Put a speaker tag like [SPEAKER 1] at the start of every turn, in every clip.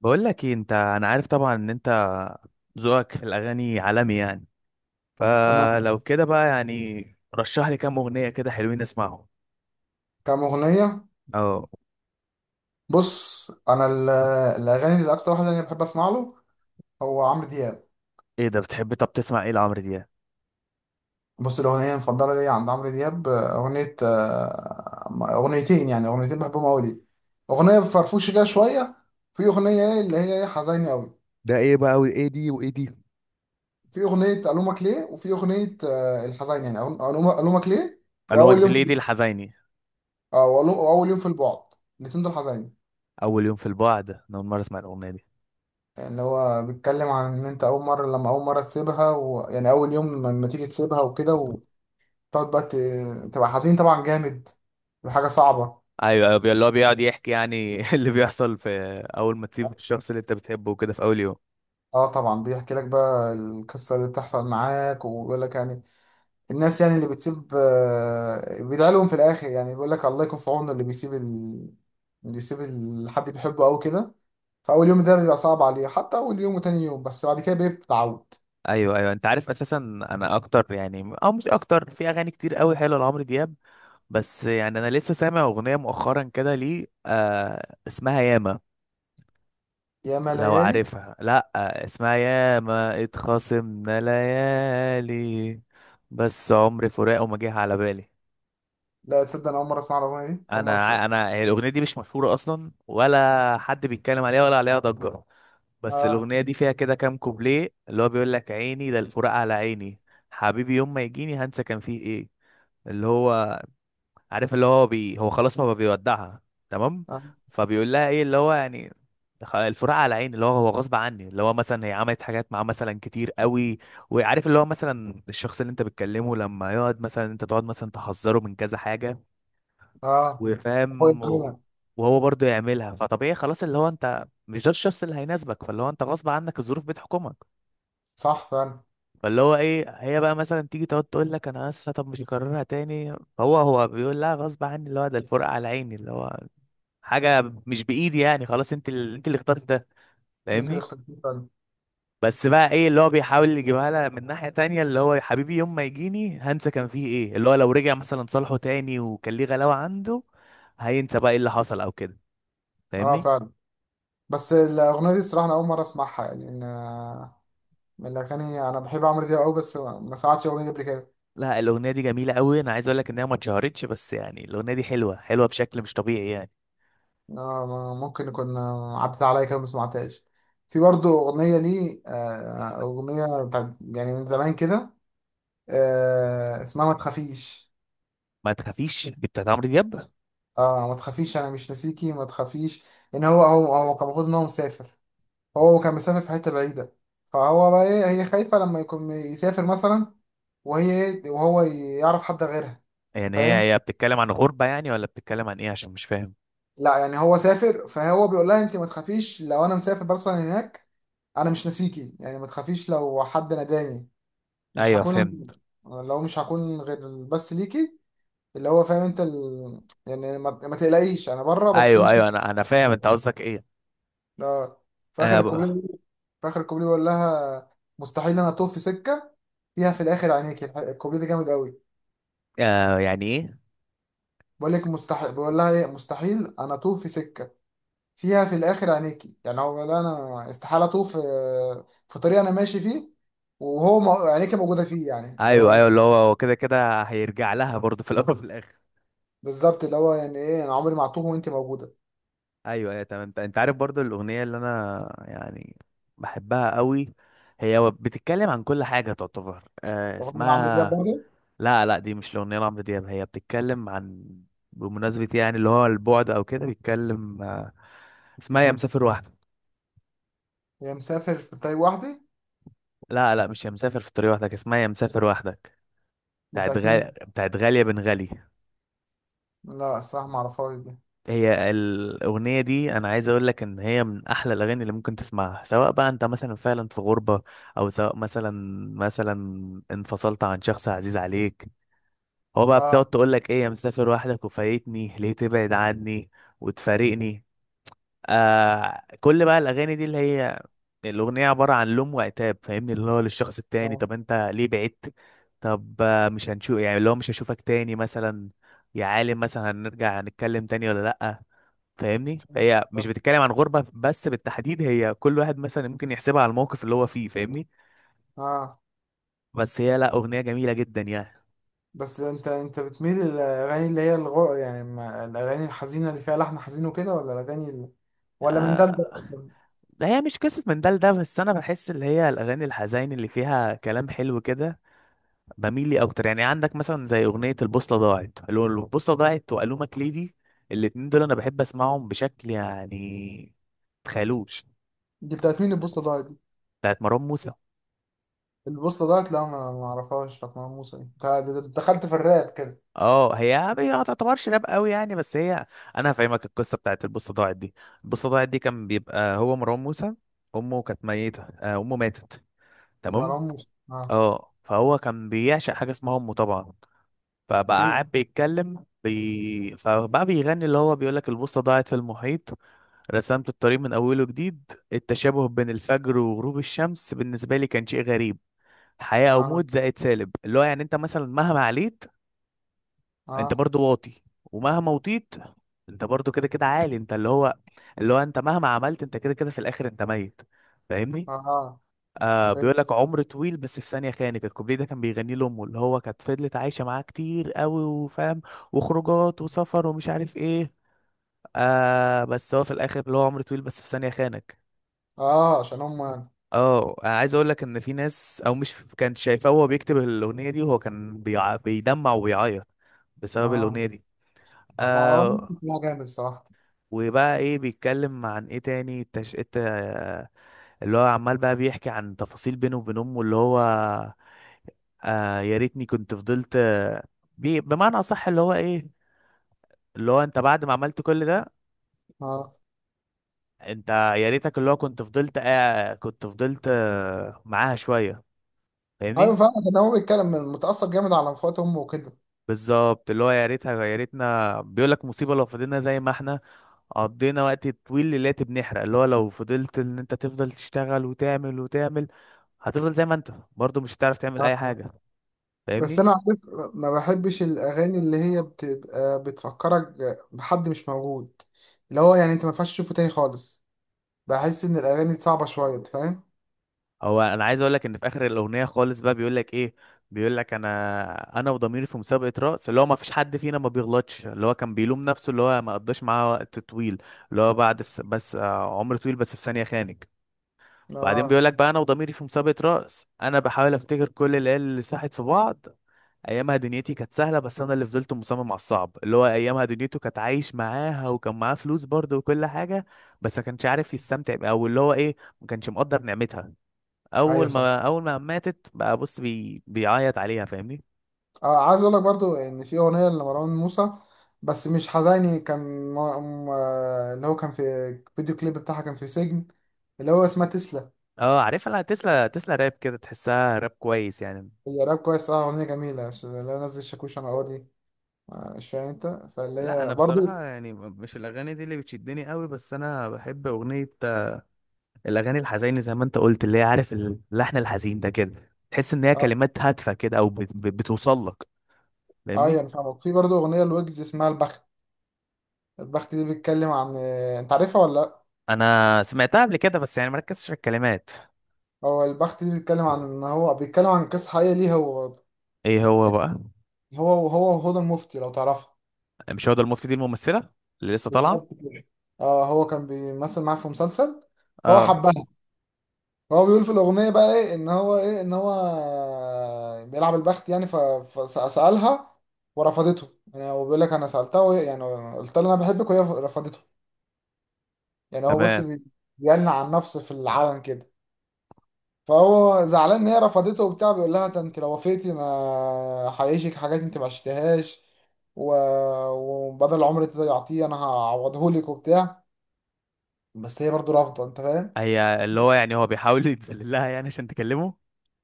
[SPEAKER 1] بقول لك ايه. انت انا عارف طبعا ان انت ذوقك في الاغاني عالمي يعني.
[SPEAKER 2] تمام.
[SPEAKER 1] فلو كده بقى يعني رشح لي كام اغنيه كده حلوين اسمعهم.
[SPEAKER 2] كام أغنية؟
[SPEAKER 1] اه.
[SPEAKER 2] بص، الأغاني اللي أكتر واحد أنا بحب أسمع له هو عمرو دياب.
[SPEAKER 1] ايه ده، بتحب؟ طب تسمع ايه لعمرو دياب؟
[SPEAKER 2] بص، الأغنية المفضلة ليا عند عمرو دياب أغنية، أغنيتين يعني، أغنيتين بحبهم أوي ليه. أغنية فرفوشة كده شوية، في أغنية إيه اللي هي إيه حزينة أوي.
[SPEAKER 1] ده ايه بقى، وايه دي وايه دي؟
[SPEAKER 2] في أغنية ألومك ليه، وفي أغنية الحزينة يعني، ألومك ليه
[SPEAKER 1] الومك
[SPEAKER 2] وأول
[SPEAKER 1] دي
[SPEAKER 2] يوم في،
[SPEAKER 1] ليه دي الحزيني؟
[SPEAKER 2] وأول يوم في البعد. الاتنين دول حزينة.
[SPEAKER 1] اول يوم في البعد انا اول مره اسمع الاغنيه دي.
[SPEAKER 2] يعني اللي هو بيتكلم عن ان انت اول مره، تسيبها ويعني اول يوم لما تيجي تسيبها وكده، تقعد بقى تبقى حزين طبعا، جامد وحاجة صعبة.
[SPEAKER 1] ايوه، اللي هو بيقعد يحكي يعني اللي بيحصل في اول ما تسيب الشخص اللي انت بتحبه وكده في اول يوم.
[SPEAKER 2] اه طبعا، بيحكي لك بقى القصة اللي بتحصل معاك، وبيقول لك يعني الناس يعني اللي بتسيب، بيدعي لهم في الآخر. يعني بيقول لك الله يكون في عونه اللي بيسيب حد بيحبه أوي كده. فأول يوم ده بيبقى صعب عليه، حتى أول يوم وتاني يوم، بس بعد كده بيتعود.
[SPEAKER 1] ايوه، انت عارف اساسا انا اكتر يعني او مش اكتر في اغاني كتير قوي حلوه لعمرو دياب. بس يعني انا لسه سامع اغنيه مؤخرا كده ليه اسمها ياما.
[SPEAKER 2] ياما
[SPEAKER 1] لو
[SPEAKER 2] ليالي.
[SPEAKER 1] عارفها؟ لا اسمها ياما اتخاصمنا ليالي بس عمري فراقه ما جه على بالي.
[SPEAKER 2] لا تصدق، أنا أول مرة أسمع الأغنية دي، أول مرة
[SPEAKER 1] انا هي الاغنيه دي مش مشهوره اصلا، ولا حد بيتكلم عليها ولا عليها ضجه. بس
[SPEAKER 2] آه.
[SPEAKER 1] الاغنيه دي فيها كده كام كوبليه اللي هو بيقول لك عيني ده الفراق على عيني حبيبي يوم ما يجيني هنسى كان فيه ايه. اللي هو عارف اللي هو بي هو خلاص هو بيودعها. تمام.
[SPEAKER 2] آه.
[SPEAKER 1] فبيقول لها ايه اللي هو يعني الفراق على عيني اللي هو هو غصب عني. اللي هو مثلا هي عملت حاجات معاه مثلا كتير قوي، وعارف اللي هو مثلا الشخص اللي انت بتكلمه لما يقعد مثلا انت تقعد مثلا تحذره من كذا حاجة
[SPEAKER 2] آه. هو
[SPEAKER 1] وفاهم
[SPEAKER 2] يعملها.
[SPEAKER 1] وهو برضه يعملها. فطبيعي خلاص اللي هو انت مش ده الشخص اللي هيناسبك، فاللي هو انت غصب عنك الظروف بتحكمك.
[SPEAKER 2] صح فعلا.
[SPEAKER 1] فاللي هو ايه هي بقى مثلا تيجي تقعد تقول لك انا اسفه طب مش هكررها تاني. هو بيقول لها غصب عني اللي هو ده الفرقه على عيني اللي هو حاجه مش بايدي يعني خلاص انت اللي اخترت ده.
[SPEAKER 2] أنت اللي
[SPEAKER 1] فاهمني؟
[SPEAKER 2] اخترتيه فعلا.
[SPEAKER 1] بس بقى ايه اللي هو بيحاول يجيبها لها من ناحيه تانية اللي هو يا حبيبي يوم ما يجيني هنسى كان فيه ايه. اللي هو لو رجع مثلا صالحه تاني وكان ليه غلاوه عنده هينسى بقى ايه اللي حصل او كده.
[SPEAKER 2] اه
[SPEAKER 1] فاهمني؟
[SPEAKER 2] فعلا. بس الأغنية دي الصراحة أنا أول مرة أسمعها، يعني إن، من الأغاني، أنا بحب عمرو دياب أوي بس ما سمعتش الأغنية دي قبل كده.
[SPEAKER 1] لا الاغنيه دي جميله قوي، انا عايز اقول لك انها ما اتشهرتش بس يعني الاغنيه دي حلوه حلوه بشكل مش طبيعي يعني.
[SPEAKER 2] ممكن يكون عدت عليا كده ما سمعتهاش. في برضه أغنية ليه، أغنية بتاعت يعني من زمان كده، اسمها ما تخافيش.
[SPEAKER 1] ما تخافيش دي بتاعت عمرو دياب؟
[SPEAKER 2] اه ما تخافيش، أنا مش ناسيكي ما تخافيش. إن هو كان المفروض إن هو مسافر، هو كان مسافر في حتة بعيدة. فهو بقى إيه، هي خايفة لما يكون يسافر مثلا، وهي وهو يعرف حد غيرها. أنت
[SPEAKER 1] يعني
[SPEAKER 2] فاهم؟
[SPEAKER 1] هي بتتكلم عن غربة يعني ولا بتتكلم عن ايه؟ عشان مش فاهم.
[SPEAKER 2] لا يعني هو سافر، فهو بيقول لها انت ما تخافيش لو انا مسافر مثلا هناك، انا مش ناسيكي. يعني ما تخافيش لو حد ناداني، مش
[SPEAKER 1] ايوه
[SPEAKER 2] هكون،
[SPEAKER 1] فهمت.
[SPEAKER 2] لو مش هكون غير بس ليكي. اللي هو فاهم انت ال... يعني ما تقلقيش انا بره بس
[SPEAKER 1] ايوه
[SPEAKER 2] انت.
[SPEAKER 1] ايوه، انا فاهم انت قصدك ايه.
[SPEAKER 2] لا، في اخر
[SPEAKER 1] آه ب...
[SPEAKER 2] الكوبليه في اخر الكوبليه بيقول لها مستحيل انا اطوف في سكه فيها في الاخر عينيكي. الكوبليه ده جامد قوي.
[SPEAKER 1] آه يعني ايه؟
[SPEAKER 2] بقول لك مستحيل، بقول لها ايه، مستحيل انا اطوف في سكه فيها في الاخر عينيكي. يعني هو لا، انا استحاله اطوف في، في طريق انا ماشي فيه، وهو مو- عينيكي موجوده فيه، يعني اللي
[SPEAKER 1] ايوه
[SPEAKER 2] هو
[SPEAKER 1] ايوه اللي هو هو كده كده هيرجع لها برضه في الاول وفي الاخر.
[SPEAKER 2] بالظبط. اللي هو يعني ايه، انا عمري ما هتوه وانت موجوده.
[SPEAKER 1] ايوه ايوه تمام. أنت عارف برضه الاغنية اللي انا يعني بحبها قوي. بتتكلم عن كل حاجة تعتبر
[SPEAKER 2] رغم ان أنا عمرو دياب
[SPEAKER 1] اسمها
[SPEAKER 2] برضه.
[SPEAKER 1] لا لا دي مش الاغنية لعمرو دياب، هي بتتكلم عن بمناسبة يعني اللي هو البعد او كده بيتكلم اسمها يا مسافر وحدك.
[SPEAKER 2] هي مسافر في الطريق وحدي.
[SPEAKER 1] لا لا مش يا مسافر في الطريق وحدك، اسمها يا مسافر وحدك
[SPEAKER 2] دي
[SPEAKER 1] بتاعت
[SPEAKER 2] بتاعت مين دي؟
[SPEAKER 1] بتاعت غالية بن غالي.
[SPEAKER 2] لا الصراحه ما اعرفهاش دي.
[SPEAKER 1] هي الأغنية دي أنا عايز أقول لك إن هي من أحلى الأغاني اللي ممكن تسمعها، سواء بقى أنت مثلا فعلا في غربة أو سواء مثلا مثلا انفصلت عن شخص عزيز عليك. هو بقى
[SPEAKER 2] اه.
[SPEAKER 1] بتقعد تقول لك إيه يا مسافر وحدك وفايتني ليه تبعد عني وتفارقني. آه كل بقى الاغاني دي اللي هي الاغنيه عباره عن لوم وعتاب، فاهمني اللي هو للشخص التاني
[SPEAKER 2] اه.
[SPEAKER 1] طب انت ليه بعدت؟ طب مش هنشوف يعني اللي هو مش هشوفك تاني مثلا يا عالم؟ مثلا هنرجع نتكلم تاني ولا لأ؟ فاهمني؟
[SPEAKER 2] اه.
[SPEAKER 1] فهي مش بتتكلم عن غربه بس بالتحديد، هي كل واحد مثلا ممكن يحسبها على الموقف اللي هو فيه. فاهمني؟
[SPEAKER 2] آه.
[SPEAKER 1] بس هي لا اغنيه جميله جدا يعني.
[SPEAKER 2] بس انت بتميل للاغاني اللي هي الغو يعني الاغاني الحزينه اللي فيها لحن حزين وكده، ولا الاغاني اللي... ولا من ده لده؟
[SPEAKER 1] آه. هي مش قصه من ده لده، بس انا بحس اللي هي الاغاني الحزين اللي فيها كلام حلو كده بميل لي اكتر. يعني عندك مثلا زي اغنيه البوصله ضاعت، اللي هو البوصله ضاعت والومك ليدي، الاتنين دول انا بحب اسمعهم بشكل يعني تخيلوش.
[SPEAKER 2] دي بتاعت مين البوصه؟
[SPEAKER 1] بتاعت مروان موسى.
[SPEAKER 2] البوصلة ديت، لا ما اعرفهاش، بتاعت مروان موسى دي، انت دخلت في الراب كده.
[SPEAKER 1] اه هي هي ما تعتبرش راب قوي يعني بس هي انا هفهمك القصه بتاعت البوصله ضاعت دي. البوصله ضاعت دي كان بيبقى هو مروان موسى امه كانت ميته، امه ماتت. تمام.
[SPEAKER 2] مروان موسى، اه.
[SPEAKER 1] اه فهو كان بيعشق حاجه اسمها امه طبعا. فبقى
[SPEAKER 2] اوكي.
[SPEAKER 1] قاعد فبقى بيغني اللي هو بيقول لك البوصه ضاعت في المحيط رسمت الطريق من أوله جديد، التشابه بين الفجر وغروب الشمس بالنسبة لي كان شيء غريب، حياة أو
[SPEAKER 2] اه.
[SPEAKER 1] موت زائد سالب. اللي هو يعني أنت مثلا مهما عليت أنت
[SPEAKER 2] اه.
[SPEAKER 1] برضو واطي، ومهما وطيت أنت برضو كده كده عالي. أنت اللي هو اللي هو أنت مهما عملت أنت كده كده في الآخر أنت ميت. فاهمني؟
[SPEAKER 2] اه. اه
[SPEAKER 1] آه
[SPEAKER 2] فهمت.
[SPEAKER 1] بيقول لك عمر طويل بس في ثانية خانك. الكوبليه ده كان بيغنيه لأمه اللي هو كانت فضلت عايشة معاه كتير قوي وفاهم، وخروجات وسفر ومش عارف إيه. آه بس هو في الآخر اللي هو عمر طويل بس في ثانية خانك.
[SPEAKER 2] اه عشان هم يعني.
[SPEAKER 1] اه انا عايز اقول لك ان في ناس او مش كانت شايفاه وهو بيكتب الاغنيه دي، وهو كان بيدمع وبيعيط بسبب
[SPEAKER 2] اه.
[SPEAKER 1] الاغنيه دي.
[SPEAKER 2] مروان موسى
[SPEAKER 1] آه.
[SPEAKER 2] كان جامد الصراحة.
[SPEAKER 1] وبقى ايه بيتكلم عن ايه تاني اللي هو عمال بقى بيحكي عن تفاصيل بينه وبين امه. اللي هو آه يا ريتني كنت فضلت بمعنى اصح اللي هو ايه اللي هو انت بعد ما عملت كل ده
[SPEAKER 2] اه
[SPEAKER 1] انت يا ريتك اللي هو كنت فضلت آه كنت فضلت آه معاها شويه.
[SPEAKER 2] ايوه
[SPEAKER 1] فاهمني؟
[SPEAKER 2] فعلا، كان هو بيتكلم متأثر جامد على وفاة امه وكده.
[SPEAKER 1] بالظبط اللي هو يا ريتها يا ريتنا بيقول لك مصيبة لو فضلنا زي ما احنا قضينا وقت طويل ليلات بنحرق. اللي هو لو فضلت ان انت تفضل تشتغل وتعمل وتعمل هتفضل زي ما انت برضه، مش هتعرف تعمل
[SPEAKER 2] آه.
[SPEAKER 1] اي
[SPEAKER 2] آه.
[SPEAKER 1] حاجة.
[SPEAKER 2] بس
[SPEAKER 1] فاهمني؟
[SPEAKER 2] انا عارف، ما بحبش الاغاني اللي هي بتبقى بتفكرك بحد مش موجود، اللي هو يعني انت ما ينفعش تشوفه تاني خالص. بحس ان الاغاني دي صعبة شوية، أنت فاهم؟
[SPEAKER 1] هو انا عايز اقول لك ان في اخر الاغنية خالص بقى بيقول لك ايه. بيقول لك انا وضميري في مسابقة رقص اللي هو ما فيش حد فينا ما بيغلطش. اللي هو كان بيلوم نفسه اللي هو ما قضاش معاه وقت طويل. اللي هو بعد في س... بس عمر طويل بس في ثانية خانك. بعدين
[SPEAKER 2] اه.
[SPEAKER 1] بيقول لك بقى انا وضميري في مسابقة رقص انا بحاول افتكر كل العيال اللي ساحت في بعض. ايامها دنيتي كانت سهلة بس انا اللي فضلت مصمم على الصعب، اللي هو ايامها دنيته كانت عايش معاها وكان معاه فلوس برضه وكل حاجة، بس ما كانش عارف يستمتع بيها، او اللي هو ايه ما كانش مقدر نعمتها. اول
[SPEAKER 2] ايوه صح.
[SPEAKER 1] ما اول ما ماتت بقى بص بيعيط عليها. فاهمني؟
[SPEAKER 2] عايز اقول لك برضو ان في اغنيه لمروان موسى، بس مش حزيني، كان اللي هو كان في الفيديو كليب بتاعها كان في سجن، اللي هو اسمها تسلا.
[SPEAKER 1] اه عارفها، لا تسلا تسلا راب كده تحسها راب كويس يعني.
[SPEAKER 2] هي راب كويس صراحه، اغنيه جميله، اللي هو نزل شاكوش انا قاضي، مش فاهم انت. فاللي
[SPEAKER 1] لا
[SPEAKER 2] هي
[SPEAKER 1] انا بصراحه
[SPEAKER 2] برضو،
[SPEAKER 1] يعني مش الاغاني دي اللي بتشدني قوي، بس انا بحب اغنيه الاغاني الحزينه زي ما انت قلت اللي هي عارف اللحن الحزين ده كده تحس ان هي
[SPEAKER 2] اه
[SPEAKER 1] كلمات هادفه كده او بتوصل لك.
[SPEAKER 2] ايوه
[SPEAKER 1] فاهمني؟
[SPEAKER 2] انا فاهمك. في برضو اغنيه لويجز اسمها البخت. البخت دي بيتكلم عن، انت عارفها ولا لا؟
[SPEAKER 1] انا سمعتها قبل كده بس يعني مركزتش في الكلمات.
[SPEAKER 2] هو البخت دي بيتكلم عن ان هو بيتكلم عن قصه حقيقيه ليه هو برضه،
[SPEAKER 1] ايه هو
[SPEAKER 2] يعني
[SPEAKER 1] بقى؟
[SPEAKER 2] هو وهدى المفتي لو تعرفها.
[SPEAKER 1] مش هو ده المفتي دي الممثله اللي لسه
[SPEAKER 2] بالظبط
[SPEAKER 1] طالعه؟
[SPEAKER 2] كده. اه هو كان بيمثل معاه في مسلسل، هو
[SPEAKER 1] اه
[SPEAKER 2] حبها. هو بيقول في الأغنية بقى إيه، إن هو بيلعب البخت، يعني فسألها ورفضته. يعني هو بيقول لك أنا سألتها وهي يعني، قلت لها أنا بحبك وهي رفضته. يعني هو
[SPEAKER 1] تمام.
[SPEAKER 2] بيعلن عن نفسه في العلن كده. فهو زعلان إن هي رفضته وبتاع، بيقول لها ده أنت لو وافقتي أنا هعيشك حاجات أنت ما عشتهاش، و... وبدل العمر اللي يعطيه أنا هعوضهولك وبتاع. بس هي برضه رافضة، أنت فاهم؟
[SPEAKER 1] هي اللي هو يعني هو بيحاول يتذلل لها يعني عشان تكلمه.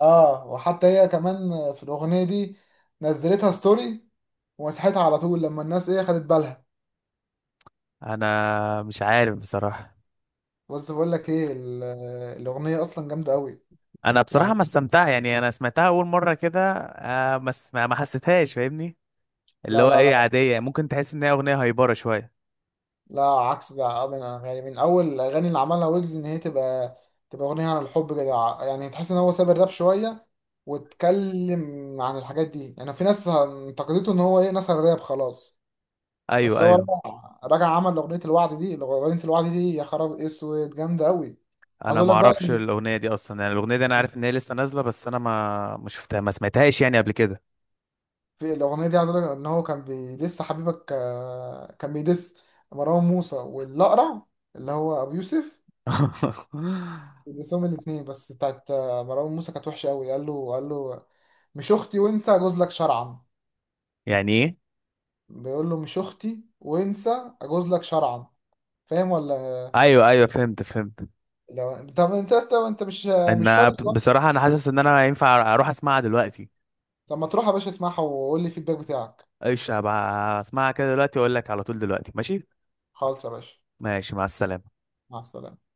[SPEAKER 2] اه وحتى هي كمان في الاغنيه دي نزلتها ستوري ومسحتها على طول لما الناس ايه خدت بالها.
[SPEAKER 1] انا مش عارف بصراحه.
[SPEAKER 2] بص بقول لك ايه، الاغنيه اصلا جامده قوي
[SPEAKER 1] انا بصراحه
[SPEAKER 2] يعني.
[SPEAKER 1] ما استمتع يعني، انا سمعتها اول مره كده آه ما حسيتهاش. فاهمني؟ اللي
[SPEAKER 2] لا
[SPEAKER 1] هو
[SPEAKER 2] لا
[SPEAKER 1] ايه
[SPEAKER 2] لا،
[SPEAKER 1] عاديه، ممكن تحس ان هي اغنيه هايبره شويه.
[SPEAKER 2] لا عكس ده، من يعني من اول الاغاني اللي عملها ويجز ان هي تبقى، تبقى اغنيه عن الحب كده، يعني تحس ان هو ساب الراب شويه واتكلم عن الحاجات دي. يعني في ناس انتقدته ان هو ايه، نسى الراب خلاص. بس
[SPEAKER 1] ايوه
[SPEAKER 2] هو
[SPEAKER 1] ايوه.
[SPEAKER 2] رجع، عمل اغنيه الوعد دي، اغنيه الوعد دي يا خراب اسود جامده قوي. عايز
[SPEAKER 1] انا
[SPEAKER 2] اقول
[SPEAKER 1] ما
[SPEAKER 2] لك بقى
[SPEAKER 1] اعرفش
[SPEAKER 2] ان
[SPEAKER 1] الاغنيه دي اصلا، يعني الاغنيه دي انا عارف ان هي لسه نازله بس انا ما شفتها ما سمعتهاش يعني قبل كده.
[SPEAKER 2] في الاغنيه دي، عايز اقول لك ان هو كان بيدس حبيبك، كان بيدس مروان موسى والاقرع اللي هو ابو يوسف، بيدسهم الاثنين. بس بتاعت مروان موسى كانت وحشه قوي، قال له مش اختي، وانسى اجوز لك شرعا.
[SPEAKER 1] يعني ايه؟
[SPEAKER 2] بيقول له مش اختي، وانسى اجوز لك شرعا. فاهم ولا؟
[SPEAKER 1] ايوه ايوه فهمت.
[SPEAKER 2] لو طب انت مش، مش فاضي دلوقتي.
[SPEAKER 1] بصراحه انا حاسس ان انا ينفع اروح اسمعها دلوقتي.
[SPEAKER 2] طب ما تروح يا باشا اسمعها وقول لي الفيدباك بتاعك.
[SPEAKER 1] ايش هبقى اسمعها كده دلوقتي واقول لك على طول دلوقتي، ماشي؟
[SPEAKER 2] خالص يا باشا.
[SPEAKER 1] ماشي مع السلامه.
[SPEAKER 2] مع السلامة.